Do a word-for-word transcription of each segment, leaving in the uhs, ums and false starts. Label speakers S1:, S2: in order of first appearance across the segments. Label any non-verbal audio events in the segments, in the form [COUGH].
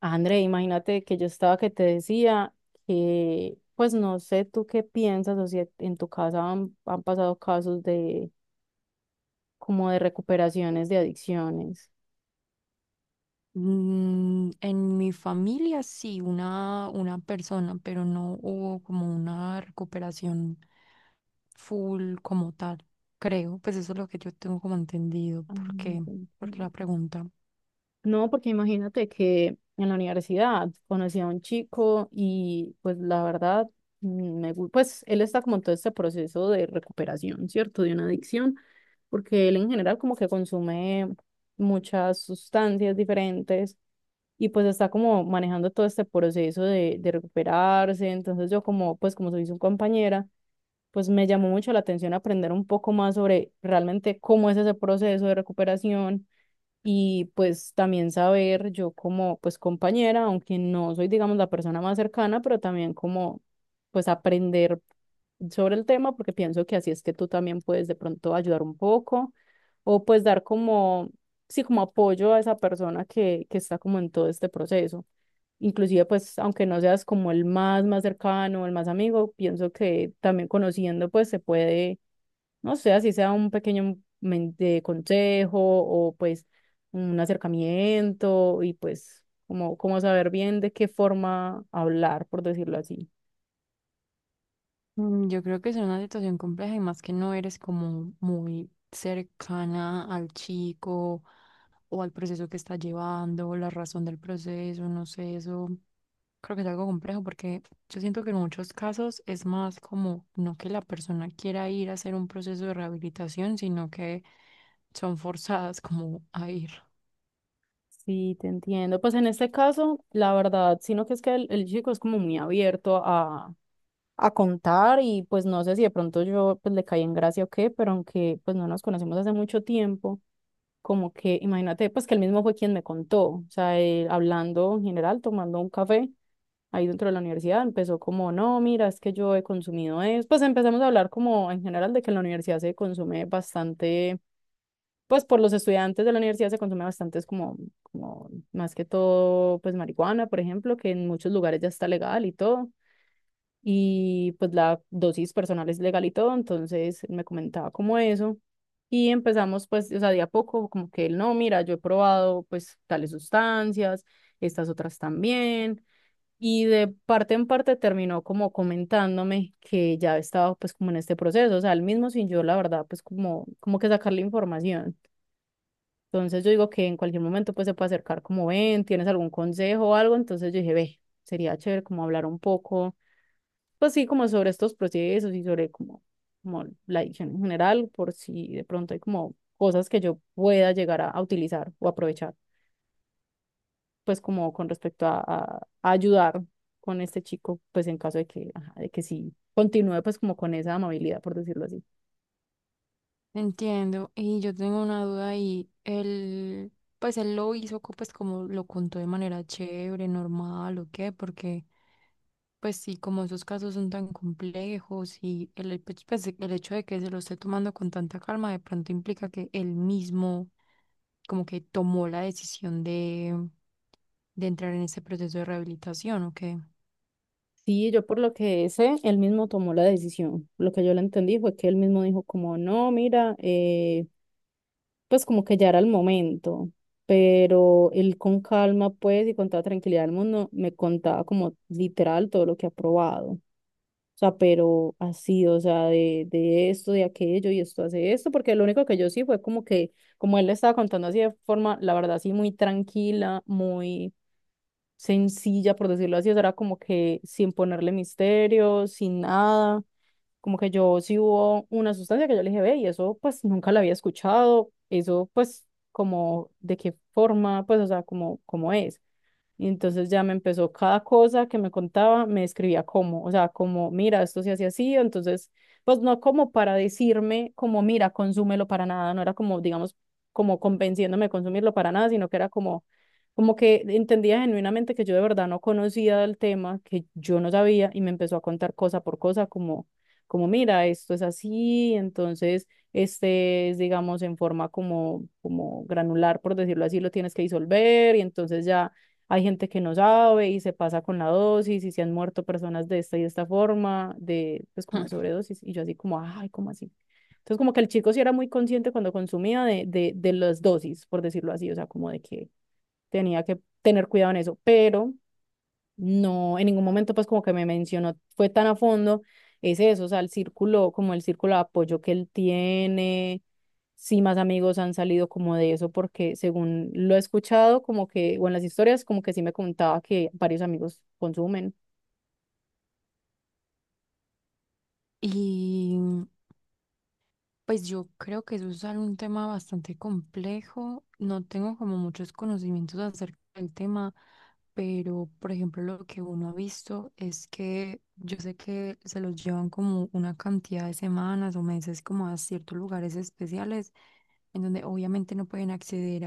S1: André, imagínate que yo estaba que te decía que, pues no sé tú qué piensas o si e, en tu casa han, han pasado casos de como de recuperaciones de adicciones.
S2: Mm, en mi familia sí, una, una persona, pero no hubo como una recuperación full como tal, creo. Pues eso es lo que yo tengo como entendido.
S1: Ah,
S2: ¿Por qué?
S1: ok,
S2: Porque la
S1: ok.
S2: pregunta.
S1: No, porque imagínate que en la universidad conocí a un chico y pues la verdad, mm, me, gu- pues él está como en todo este proceso de recuperación, ¿cierto? De una adicción, porque él en general como que consume muchas sustancias diferentes y pues está como manejando todo este proceso de, de recuperarse. Entonces yo como, pues como soy su compañera, pues me llamó mucho la atención aprender un poco más sobre realmente cómo es ese proceso de recuperación, y pues también saber yo como pues compañera, aunque no soy digamos la persona más cercana, pero también como pues aprender sobre el tema porque pienso que así es que tú también puedes de pronto ayudar un poco o pues dar como, sí, como apoyo a esa persona que, que está como en todo este proceso. Inclusive pues aunque no seas como el más más cercano, el más amigo, pienso que también conociendo pues se puede, no sé, así sea un pequeño men- de consejo o pues un acercamiento y pues como, como saber bien de qué forma hablar, por decirlo así.
S2: Mm, Yo creo que es una situación compleja y más que no eres como muy cercana al chico o al proceso que está llevando, la razón del proceso, no sé, eso. Creo que es algo complejo porque yo siento que en muchos casos es más como no que la persona quiera ir a hacer un proceso de rehabilitación, sino que son forzadas como a ir.
S1: Sí, te entiendo. Pues en este caso, la verdad, sino que es que el, el chico es como muy abierto a, a contar y pues no sé si de pronto yo pues le caí en gracia o qué, pero aunque pues no nos conocemos hace mucho tiempo, como que imagínate pues que él mismo fue quien me contó, o sea, él hablando en general, tomando un café ahí dentro de la universidad, empezó como, no, mira, es que yo he consumido eso. Pues empezamos a hablar como en general de que en la universidad se consume bastante, pues por los estudiantes de la universidad se consume bastante, es como, como más que todo, pues marihuana, por ejemplo, que en muchos lugares ya está legal y todo. Y pues la dosis personal es legal y todo, entonces él me comentaba como eso. Y empezamos pues, o sea, de a poco, como que él, no, mira, yo he probado pues tales sustancias, estas otras también. Y de parte en parte terminó como comentándome que ya estaba pues como en este proceso, o sea, él mismo sin yo, la verdad, pues como, como que sacarle información. Entonces yo digo que en cualquier momento pues se puede acercar como ven, tienes algún consejo o algo, entonces yo dije, ve, sería chévere como hablar un poco, pues sí, como sobre estos procesos y sobre como, como la adicción en general, por si de pronto hay como cosas que yo pueda llegar a- a utilizar o aprovechar, pues como con respecto a, a- a ayudar con este chico, pues en caso de que, ajá, de que sí continúe pues como con esa amabilidad, por decirlo así.
S2: Entiendo, y yo tengo una duda y él, pues él lo hizo co- pues como lo contó de manera chévere, normal o qué, porque pues sí, como esos casos son tan complejos y el, el pues, pues, el hecho de que se lo esté tomando con tanta calma de pronto implica que él mismo como que tomó la decisión de, de entrar en ese proceso de rehabilitación o qué.
S1: Sí, yo por lo que sé, él mismo tomó la decisión. Lo que yo le entendí fue que él mismo dijo como, no, mira, eh, pues como que ya era el momento, pero él con calma pues y con toda tranquilidad del mundo me contaba como literal todo lo que ha probado. O sea, pero así, o sea, de, de esto, de aquello, y esto hace esto, porque lo único que yo sí fue como que, como él le estaba contando así de forma, la verdad, así muy tranquila, muy sencilla, por decirlo así, o sea, era como que sin ponerle misterio, sin nada, como que yo sí hubo una sustancia que yo le dije, ve, y eso pues nunca la había escuchado, eso pues como de qué forma, pues, o sea, como, como es. Y entonces ya me empezó cada cosa que me contaba, me escribía cómo, o sea, como, mira, esto se hace así, entonces, pues no como para decirme, como, mira, consúmelo para nada, no era como, digamos, como convenciéndome de consumirlo para nada, sino que era como, como que entendía genuinamente que yo de verdad no conocía del tema, que yo no sabía, y me empezó a contar cosa por cosa, como, como, mira, esto es así, entonces, este es, digamos, en forma como, como granular, por decirlo así, lo tienes que disolver, y entonces ya hay gente que no sabe y se pasa con la dosis y se han muerto personas de esta y de esta forma, de, pues como de
S2: [LAUGHS]
S1: sobredosis. Y yo así como, ay, ¿cómo así? Entonces como que el chico sí era muy consciente cuando consumía de, de, de las dosis, por decirlo así, o sea, como de que tenía que tener cuidado en eso, pero no, en ningún momento pues como que me mencionó, fue tan a fondo, es eso, o sea, el círculo, como el círculo de apoyo que él tiene, sí, más amigos han salido como de eso, porque según lo he escuchado, como que, o en las historias, como que sí me contaba que varios amigos consumen.
S2: Y pues yo creo que eso es algo- un tema bastante complejo. No tengo como muchos conocimientos acerca del tema, pero por ejemplo lo que uno ha visto es que yo sé que se los llevan como una cantidad de semanas o meses como a ciertos lugares especiales en donde obviamente no pueden acceder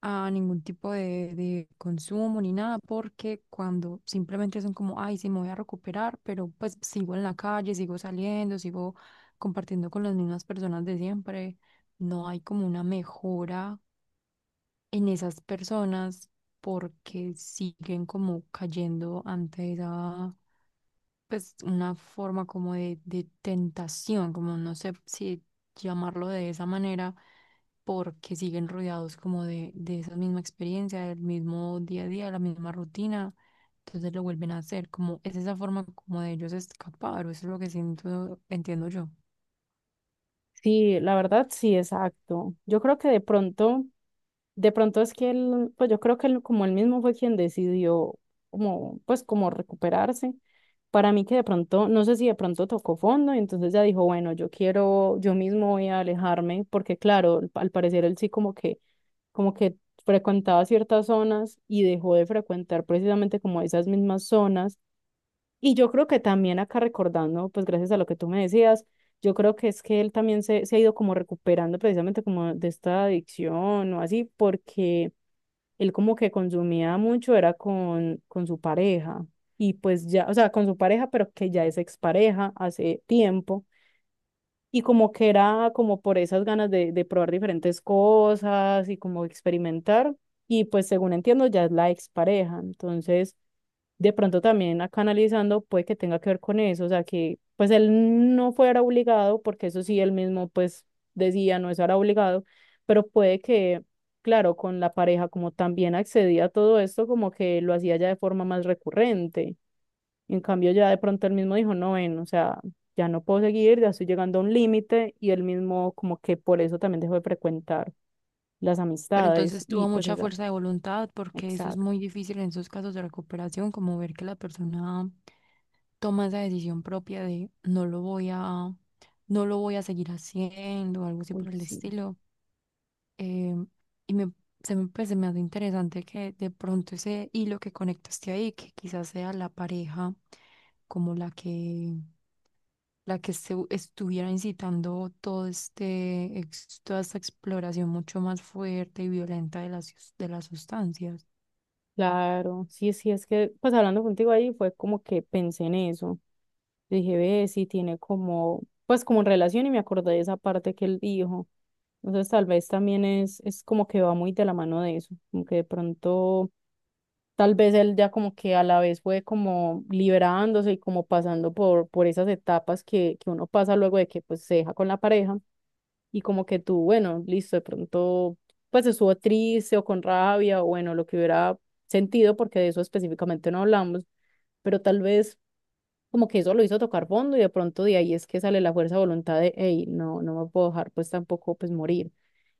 S2: a ningún tipo de, de consumo ni nada, porque cuando simplemente son como, ay, sí, me voy a recuperar, pero pues sigo en la calle, sigo saliendo, sigo compartiendo con las mismas personas de siempre, no hay como una mejora en esas personas porque siguen como cayendo ante esa, pues, una forma como de, de tentación, como no sé si llamarlo de esa manera, porque siguen rodeados como de, de esa misma experiencia, del mismo día a día, la misma rutina, entonces lo vuelven a hacer, como es esa forma como de ellos escapar, o eso es lo que siento, entiendo yo.
S1: Sí, la verdad, sí, exacto. Yo creo que de pronto, de pronto es que él, pues yo creo que él, como él mismo fue quien decidió como, pues como recuperarse. Para mí que de pronto, no sé si de pronto tocó fondo y entonces ya dijo, bueno, yo quiero, yo mismo voy a alejarme, porque claro, al parecer él sí como que, como que frecuentaba ciertas zonas y dejó de frecuentar precisamente como esas mismas zonas. Y yo creo que también acá recordando, pues gracias a lo que tú me decías, yo creo que es que él también se, se ha ido como recuperando precisamente como de esta adicción o así, porque él como que consumía mucho, era con, con su pareja. Y pues ya, o sea, con su pareja, pero que ya es expareja hace tiempo. Y como que era como por esas ganas de, de probar diferentes cosas y como experimentar. Y pues según entiendo, ya es la expareja. Entonces de pronto también acá analizando puede que tenga que ver con eso, o sea, que pues él no fuera obligado, porque eso sí él mismo pues decía no estar obligado, pero puede que, claro, con la pareja como también accedía a todo esto, como que lo hacía ya de forma más recurrente. En cambio ya de pronto él mismo dijo, no, ven, o sea, ya no puedo seguir, ya estoy llegando a un límite y él mismo como que por eso también dejó de frecuentar las
S2: Pero
S1: amistades
S2: entonces
S1: y
S2: tuvo
S1: pues
S2: mucha
S1: esa,
S2: fuerza de voluntad, porque eso es
S1: exacto,
S2: muy difícil en esos casos de recuperación, como ver que la persona toma esa decisión propia de no lo voy a, no lo voy a seguir haciendo, algo así por
S1: uy,
S2: el
S1: sí.
S2: estilo. Eh, y me, se me, pues, se me hace interesante que de pronto ese hilo que conectaste ahí, que quizás sea la pareja como la que, la que se, estuviera incitando todo este, ex- toda esta exploración mucho más fuerte y violenta de las, sus- de las sustancias.
S1: Claro, sí, sí, es que, pues hablando contigo ahí fue como que pensé en eso. Dije, ve, sí tiene como, pues como relación y me acordé de esa parte que él dijo. Entonces tal vez también es, es como que va muy de la mano de eso, como que de pronto, tal vez él ya como que a la vez fue como liberándose y como pasando por, por esas etapas que, que uno pasa luego de que pues se deja con la pareja y como que tú, bueno, listo, de pronto, pues estuvo triste o con rabia o bueno, lo que hubiera sentido, porque de eso específicamente no hablamos, pero tal vez como que eso lo hizo tocar fondo y de pronto de ahí es que sale la fuerza de voluntad de, hey, no, no me puedo dejar pues tampoco pues morir.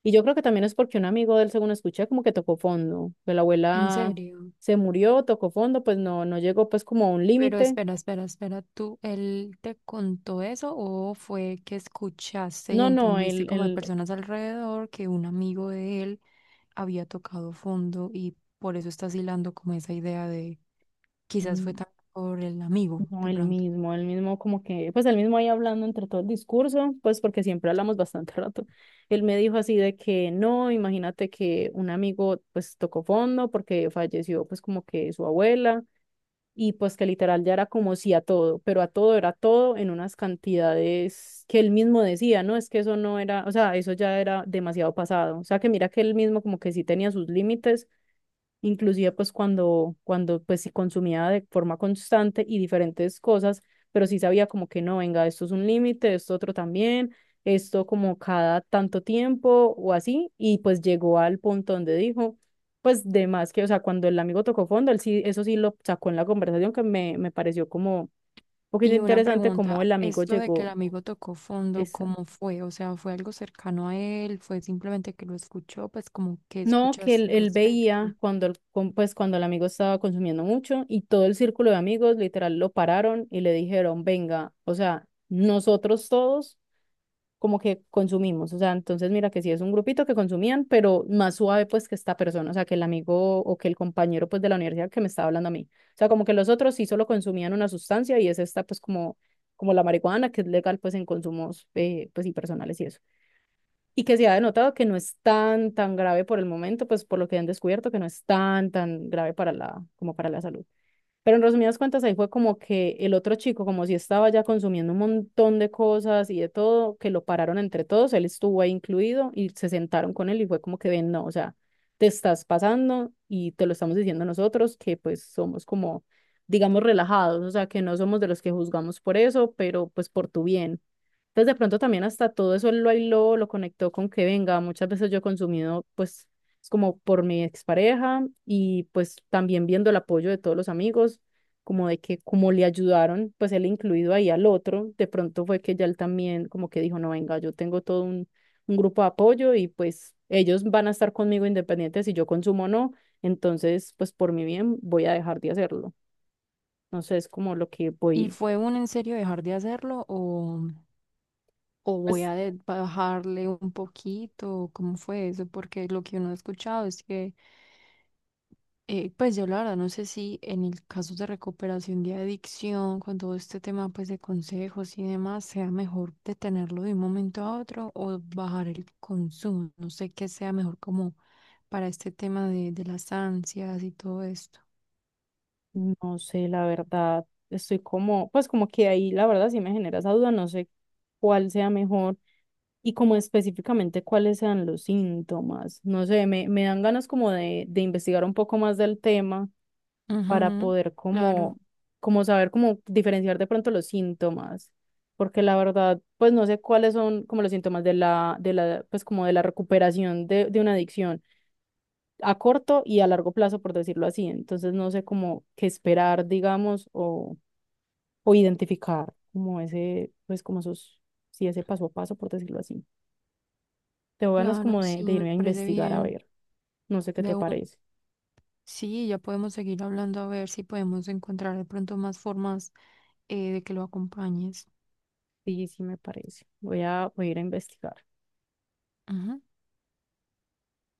S1: Y yo creo que también es porque un amigo de él, según escuché, como que tocó fondo, que la
S2: ¿En
S1: abuela
S2: serio?
S1: se murió, tocó fondo, pues no, no llegó pues como a un
S2: Pero
S1: límite.
S2: espera, espera, espera, ¿tú, él te contó eso o fue que escuchaste y
S1: No, no,
S2: entendiste como de
S1: él,
S2: personas alrededor que un amigo de él había tocado fondo y por eso estás hilando como esa idea de quizás fue
S1: él,
S2: también por el amigo
S1: No,
S2: de
S1: el
S2: pronto?
S1: mismo, el mismo como que, pues el mismo ahí hablando entre todo el discurso, pues porque siempre hablamos [LAUGHS] bastante rato. Él me dijo así de que no, imagínate que un amigo pues tocó fondo porque falleció pues como que su abuela y pues que literal ya era como sí a todo, pero a todo era todo en unas cantidades que él mismo decía, ¿no? Es que eso no era, o sea, eso ya era demasiado pasado. O sea, que mira que él mismo como que sí tenía sus límites inclusive pues cuando, cuando pues si consumía de forma constante y diferentes cosas, pero sí sabía como que no, venga, esto es un límite, esto otro también, esto como cada tanto tiempo o así, y pues llegó al punto donde dijo, pues de más que, o sea, cuando el amigo tocó fondo, él sí, eso sí lo sacó en la conversación que me, me pareció como un poquito
S2: Y una
S1: interesante como
S2: pregunta,
S1: el amigo
S2: esto de que el
S1: llegó,
S2: amigo tocó fondo,
S1: esa,
S2: ¿cómo fue? O sea, ¿fue algo cercano a él? ¿Fue simplemente que lo escuchó? Pues como que
S1: No, que
S2: escuchaste
S1: él,
S2: al
S1: él veía
S2: respecto.
S1: cuando el, com- pues cuando el amigo estaba consumiendo mucho y todo el círculo de amigos literal lo pararon y le dijeron, venga, o sea, nosotros todos como que consumimos, o sea, entonces mira que sí es un grupito que consumían, pero más suave pues que esta persona, o sea, que el amigo o que el compañero pues de la universidad que me estaba hablando a mí, o sea, como que los otros sí solo consumían una sustancia y es esta pues como, como la marihuana que es legal pues en consumos eh, pues y personales y eso y que se ha denotado que no es tan, tan grave por el momento, pues por lo que han descubierto, que no es tan, tan grave para la, como para la salud. Pero en resumidas cuentas, ahí fue como que el otro chico, como si estaba ya consumiendo un montón de cosas y de todo, que lo pararon entre todos, él estuvo ahí incluido y se sentaron con él y fue como que ven, no, o sea, te estás pasando y te lo estamos diciendo nosotros, que pues somos como, digamos, relajados, o sea, que no somos de los que juzgamos por eso, pero pues por tu bien. Entonces, de pronto también hasta todo eso él lo aisló, lo conectó con que venga, muchas veces yo he consumido, pues es como por mi expareja y pues también viendo el apoyo de todos los amigos, como de que como le ayudaron, pues él incluido ahí al otro, de pronto fue que ya él también como que dijo, no, venga, yo tengo todo un, un grupo de apoyo y pues ellos van a estar conmigo independientes si yo consumo o no, entonces pues por mi bien voy a dejar de hacerlo. No sé, es como lo que
S2: ¿Y
S1: voy,
S2: fue un en serio dejar de hacerlo o...? O voy
S1: pues
S2: a de- bajarle un poquito, ¿cómo fue eso? Porque lo que uno ha escuchado es que, eh, pues yo la verdad no sé si en el caso de recuperación de adicción, con todo este tema pues de consejos y demás, sea mejor detenerlo de un momento a otro o bajar el consumo. No sé qué sea mejor como para este tema de, de las ansias y todo esto.
S1: no sé, la verdad, estoy como, pues como que ahí la verdad sí me genera esa duda, no sé cuál sea mejor. Y como específicamente cuáles sean los síntomas. No sé, me, me dan ganas como de, de investigar un poco más del tema para
S2: Ujú.
S1: poder
S2: Claro,
S1: como, como saber cómo diferenciar de pronto los síntomas. Porque la verdad, pues no sé cuáles son como los síntomas de la, de la, pues como de la recuperación de, de una adicción a corto y a largo plazo, por decirlo así. Entonces no sé cómo qué esperar, digamos, o, o identificar como ese, pues como esos, sí, ese paso a paso, por decirlo así. Tengo ganas
S2: claro,
S1: como de,
S2: sí,
S1: de
S2: me
S1: irme a
S2: parece
S1: investigar a
S2: bien.
S1: ver. No sé qué te
S2: De una.
S1: parece.
S2: Sí, ya podemos seguir hablando a ver si podemos encontrar de pronto más formas, eh, de que lo acompañes.
S1: Sí, sí me parece. Voy a, voy a ir a investigar.
S2: Ujú.